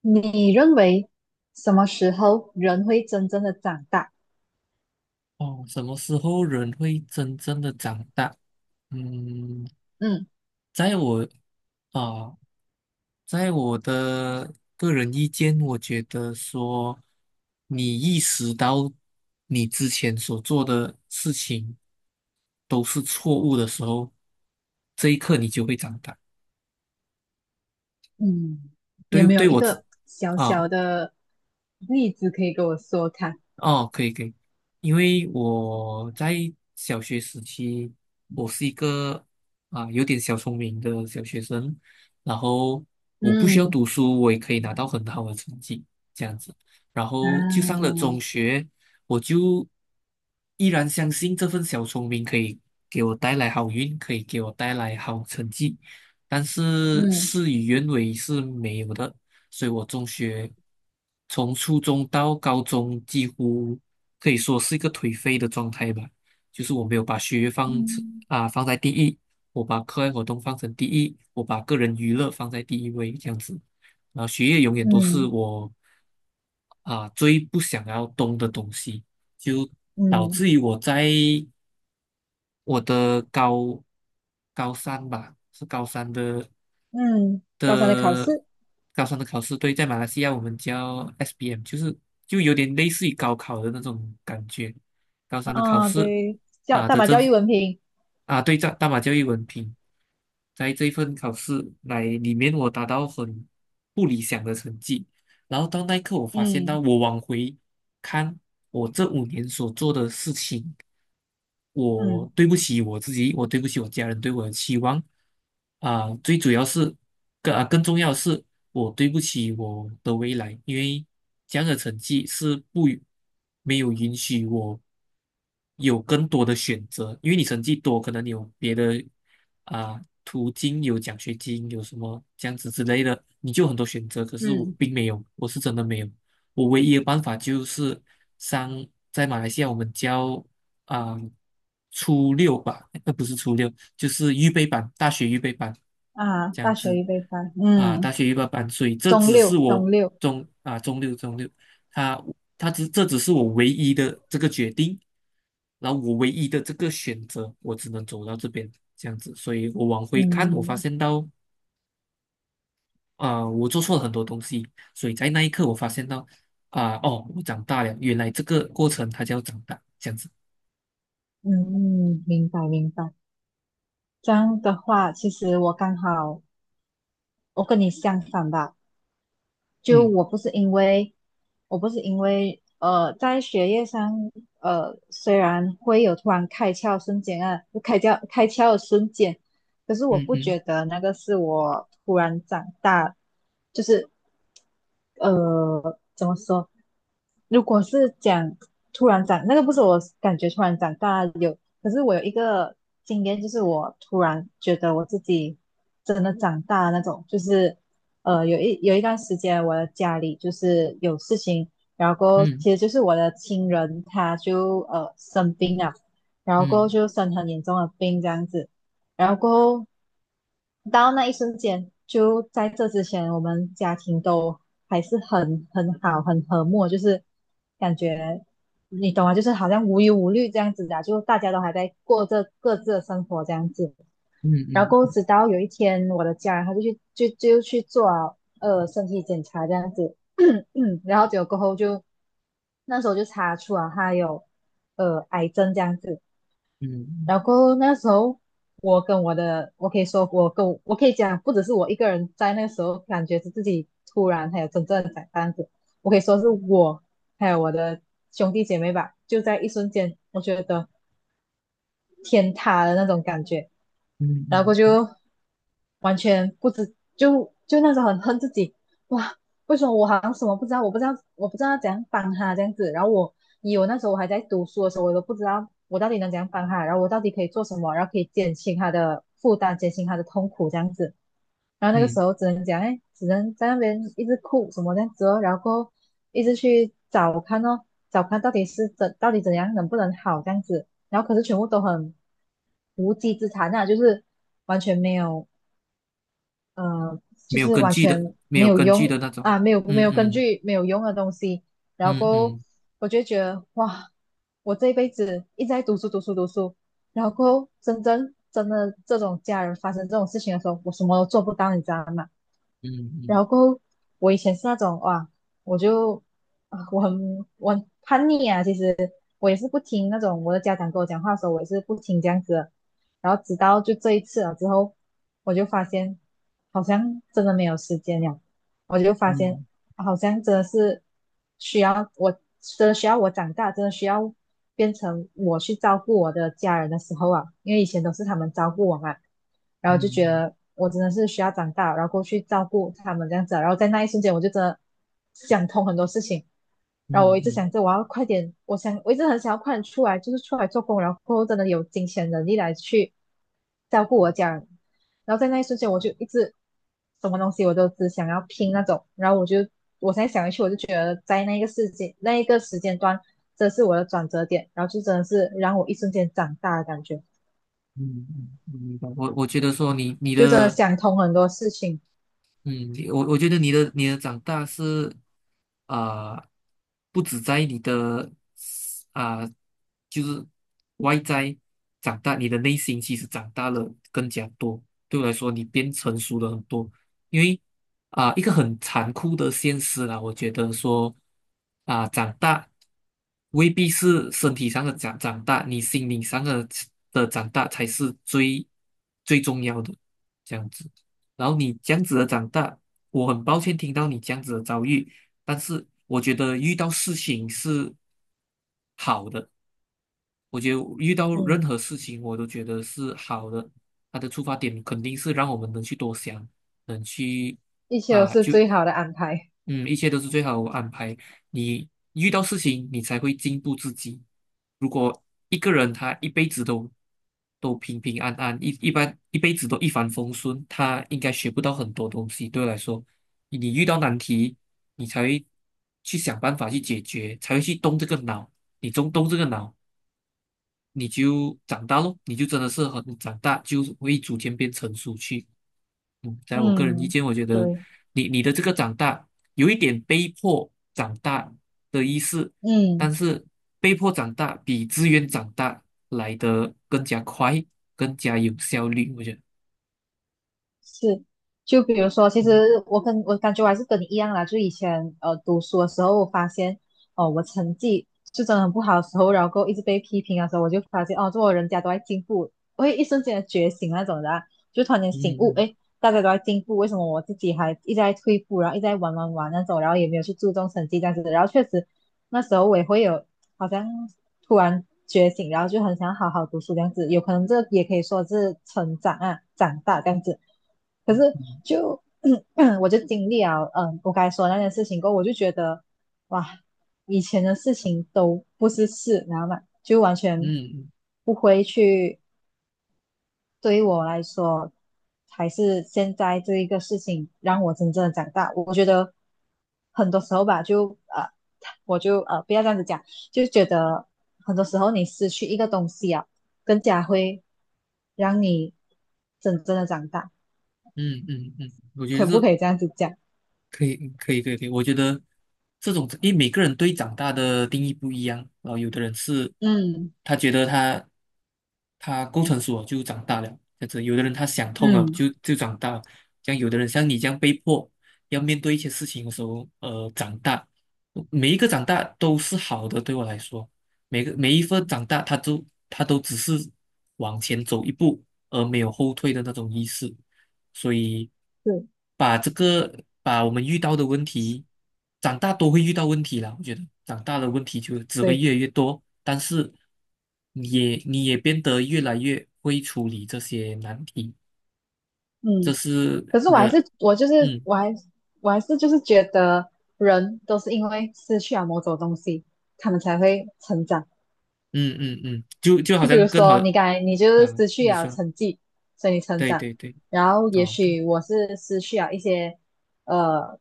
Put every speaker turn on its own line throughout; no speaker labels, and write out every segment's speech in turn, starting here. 你认为什么时候人会真正的长大？
哦，什么时候人会真正的长大？嗯，
嗯
在我啊、在我的个人意见，我觉得说，你意识到你之前所做的事情都是错误的时候，这一刻你就会长大。
嗯，你有
对，
没有
对
一
我自
个小
啊、
小的例子可以跟我说看？
哦，可以可以，因为我在小学时期，我是一个有点小聪明的小学生，然后我不需要
嗯
读书，我也可以拿到很好的成绩，这样子。然后就上了
啊，
中学，我就依然相信这份小聪明可以给我带来好运，可以给我带来好成绩，但是
嗯
事与愿违是没有的。所以我中学从初中到高中几乎可以说是一个颓废的状态吧，就是我没有把学业放成
嗯
啊放在第一，我把课外活动放成第一，我把个人娱乐放在第一位这样子，然后学业永远都是
嗯
我最不想要动的东西，就导
嗯
致于我在我的高高三吧，是
嗯，高三的考
的
试
高三的考试，对，在马来西亚我们叫 SBM，就是有点类似于高考的那种感觉。高三的考
啊，
试
对，教
啊
大
的
马
政
教
府
育文凭，
啊，对，大马教育文凭，在这一份考试来里面，我达到很不理想的成绩。然后到那一刻，我发现到
嗯
我往回看我这5年所做的事情，我
嗯
对不起我自己，我对不起我家人对我的期望啊、最主要是更啊更重要的是，我对不起我的未来，因为这样的成绩是不允没有允许我有更多的选择，因为你成绩多，可能你有别的途径，有奖学金，有什么这样子之类的，你就有很多选择，可是我
嗯
并没有，我是真的没有。我唯一的办法就是上在马来西亚我们啊、初六吧，那不是初六，就是预备班，大学预备班
啊，
这样
大学
子
预备班，
大
嗯，
学预备班，所以这
中
只是
六
我
中六，
中六，他他只这只是我唯一的这个决定，然后我唯一的这个选择，我只能走到这边这样子，所以我往回看，我发
嗯
现到。啊、我做错了很多东西，所以在那一刻我发现到哦，我长大了，原来这个过程它叫长大，这样子。
嗯嗯，明白明白。这样的话，其实我刚好我跟你相反吧，就
嗯
我不是因为在学业上，虽然会有突然开窍瞬间啊，就开窍的瞬间，可是我
嗯
不
嗯
觉得那个是我突然长大，就是，怎么说？如果是讲突然长，那个不是我感觉突然长大有，可是我有一个经验，就是我突然觉得我自己真的长大那种，就是。有一段时间，我的家里就是有事情，然后过后
嗯
其实就是我的亲人他就生病了，然后过后
嗯
就生很严重的病这样子，然后过后到那一瞬间，就在这之前，我们家庭都还是很好，很和睦，就是感觉你懂吗？就是好像无忧无虑这样子的啊就大家都还在过着各自的生活这样子。然
嗯
后
嗯
直到有一天，我的家人他就去就就去做了身体检查这样子，然后结果过后就那时候就查出啊他有癌症这样子，
嗯
然后过后那时候我跟我的我可以说我跟我我可以讲不只是我一个人在那个时候感觉是自己突然还有真正的长大这样子，我可以说是我还有我的兄弟姐妹吧，就在一瞬间我觉得。天塌的那种感觉，
嗯
然后
嗯
完全不知就就那时候很恨自己，哇，为什么我好像什么不知道，我不知道怎样帮他这样子，然后我那时候我还在读书的时候，我都不知道我到底能怎样帮他，然后我到底可以做什么，然后可以减轻他的负担，减轻他的痛苦这样子，然后那个时
嗯，
候只能讲，哎，只能在那边一直哭什么这样子哦，然后一直去找看哦，找看到底是到底怎样能不能好这样子，然后可是全部都很无稽之谈啊，就是完全没有呃，就
没有
是
根
完
据的，
全
没
没
有
有
根据
用
的那种。
啊，没有
嗯
根
嗯
据没有用的东西，然
嗯
后
嗯
我就觉得哇，我这一辈子一直在读书，然后真的这种家人发生这种事情的时候，我什么都做不到，你知道吗？
嗯
然
嗯
后过后我以前是那种哇，我就啊，我很叛逆啊，其实我也是不听那种我的家长跟我讲话的时候，我也是不听这样子的。然后直到就这一次了之后，我就发现好像真的没有时间了。我就发现
嗯
好像真的是需要我，真的需要我长大，真的需要变成我去照顾我的家人的时候啊，因为以前都是他们照顾我嘛，然后就觉
嗯
得我真的是需要长大，然后过去照顾他们这样子啊然后在那一瞬间我就真的想通很多事情，
嗯
然后我
嗯
一直
嗯
想着我要快点，我一直很想要快点出来，就是出来做工，然后真的有金钱能力来去照顾我家人，然后在那一瞬间，我就一直什么东西我都只想要拼那种，然后我才想一去，我就觉得在那个世界那一个时间段，这是我的转折点，然后就真的是让我一瞬间长大的感觉，
嗯，明白。我我觉得说你你
就真的
的
想通很多事情，
嗯，我我觉得你的长大是啊、不止在你的啊、就是外在长大，你的内心其实长大了更加多。对我来说，你变成熟了很多。因为一个很残酷的现实啦，我觉得说长大未必是身体上的长大，你心灵上的长大才是最重要的，这样子。然后你这样子的长大，我很抱歉听到你这样子的遭遇，但是我觉得遇到事情是好的。我觉得遇到任
嗯，
何事情，我都觉得是好的。他的出发点肯定是让我们能去多想，能去
一切都
啊，
是最好的安排，
一切都是最好的安排。你遇到事情，你才会进步自己。如果一个人他一辈子都平平安安，一般一辈子都一帆风顺，他应该学不到很多东西。对我来说，你遇到难题，你才会去想办法去解决，才会去动这个脑。你动这个脑，你就长大咯，你就真的是很长大，就会逐渐变成熟去。嗯，在我个人意
嗯，
见，我觉得
对。
你的这个长大有一点被迫长大的意思，
嗯。
但是被迫长大比自愿长大来的更加快，更加有效率，我觉得。
是，就比如说，其
嗯
实我感觉我还是跟你一样啦，就以前读书的时候，我发现哦，我成绩是真的很不好的时候，然后过后一直被批评的时候，我就发现哦，做人家都在进步，我会一瞬间的觉醒那种的啊就突然间醒悟，
嗯
诶，大家都在进步，为什么我自己还一直在退步，然后一直在玩那种，然后也没有去注重成绩这样子，的，然后确实那时候我也会有好像突然觉醒，然后就很想好好读书这样子。有可能这也可以说是成长啊，长大这样子。可是
嗯
就 我就经历了，嗯，我刚才说的那件事情过后，我就觉得哇，以前的事情都不是事，然后嘛，就完全
嗯
不会去对于我来说，还是现在这一个事情让我真正的长大。我觉得很多时候吧，就我就不要这样子讲，就觉得很多时候你失去一个东西啊，更加会让你真正的长大。
嗯嗯嗯，嗯，我觉得
可不
是
可以这样子讲？
可以，可以，可以，可以。我觉得这种，因为每个人对长大的定义不一样，然后有的人是
嗯
他觉得他够成熟了就长大了，这样子；有的人他想通
嗯
了就长大了，像有的人像你这样被迫要面对一些事情的时候，呃，长大，每一个长大都是好的，对我来说，每一份长大，他都只是往前走一步，而没有后退的那种意思。所以
对
把这个把我们遇到的问题，长大都会遇到问题啦。我觉得长大的问题就只会
对。
越来越多，但是你也变得越来越会处理这些难题，这
嗯
是
可是
人，嗯
我还我还是就是觉得人都是因为失去了某种东西，他们才会成长。
嗯嗯嗯，就好
就比
像
如
更好
说，
啊，
你刚才你就是
啊
失去
你
了
说，
成绩，所以你成
对
长。
对对，
然后也
哦对，
许我是失去了一些呃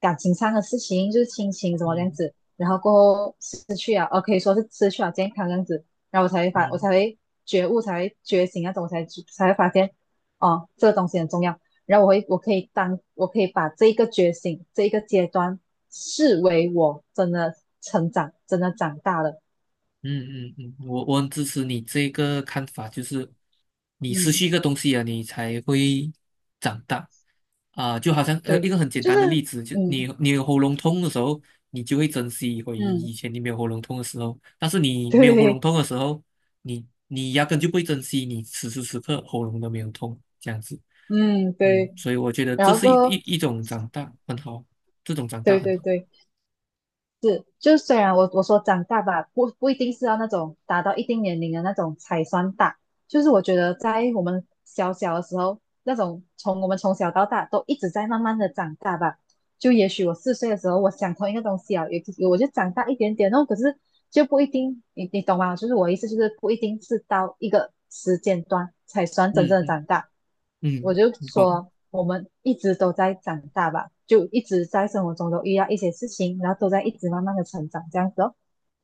感情上的事情，就是亲情什么这样
嗯
子。然后过后失去了，哦，可以说是失去了健康这样子。然后我
嗯。
才会觉悟，才会觉醒那种，我才会发现哦，这个东西很重要。然后我可以把这一个觉醒，这一个阶段视为我真的成长，真的长大了。
嗯嗯嗯，我我很支持你这个看法，就是你失去
嗯。
一个东西啊，你才会长大就好像呃一
对，
个很简
就
单的
是，
例子，就你
嗯
你有喉咙痛的时候，你就会珍惜回
嗯，
以前你没有喉咙痛的时候，但是你没有喉咙
对，
痛的时候，你压根就不会珍惜你此时此刻喉咙都没有痛这样子，
嗯
嗯，
对，
所以我觉得
然
这
后
是一一
过，
一种长大，很好，这种长大
对
很
对
好，
对，就虽然我说长大吧，不一定是要那种达到一定年龄的那种才算大，就是我觉得在我们小小的时候，那种从我们从小到大都一直在慢慢的长大吧，就也许我4岁的时候，我想同一个东西啊，也我就长大一点点哦，可是就不一定，你你懂吗？就是我意思就是不一定是到一个时间段才算真
嗯
正的
嗯
长大。我
嗯，
就
嗯我
说，我们一直都在长大吧，就一直在生活中都遇到一些事情，然后都在一直慢慢的成长，这样子哦。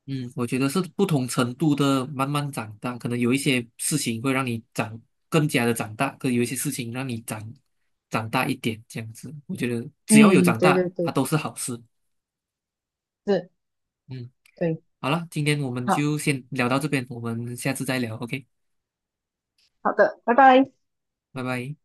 嗯，我觉得是不同程度的慢慢长大，可能有一些事情会让你更加的长大，可有一些事情让你长大一点，这样子。我觉得只要有
嗯，
长
对对
大，它
对，
都是好事。
是，
嗯，
对，
好了，今天我们
好
就先聊到这边，我们下次再聊，OK，
好的，拜拜。
拜拜。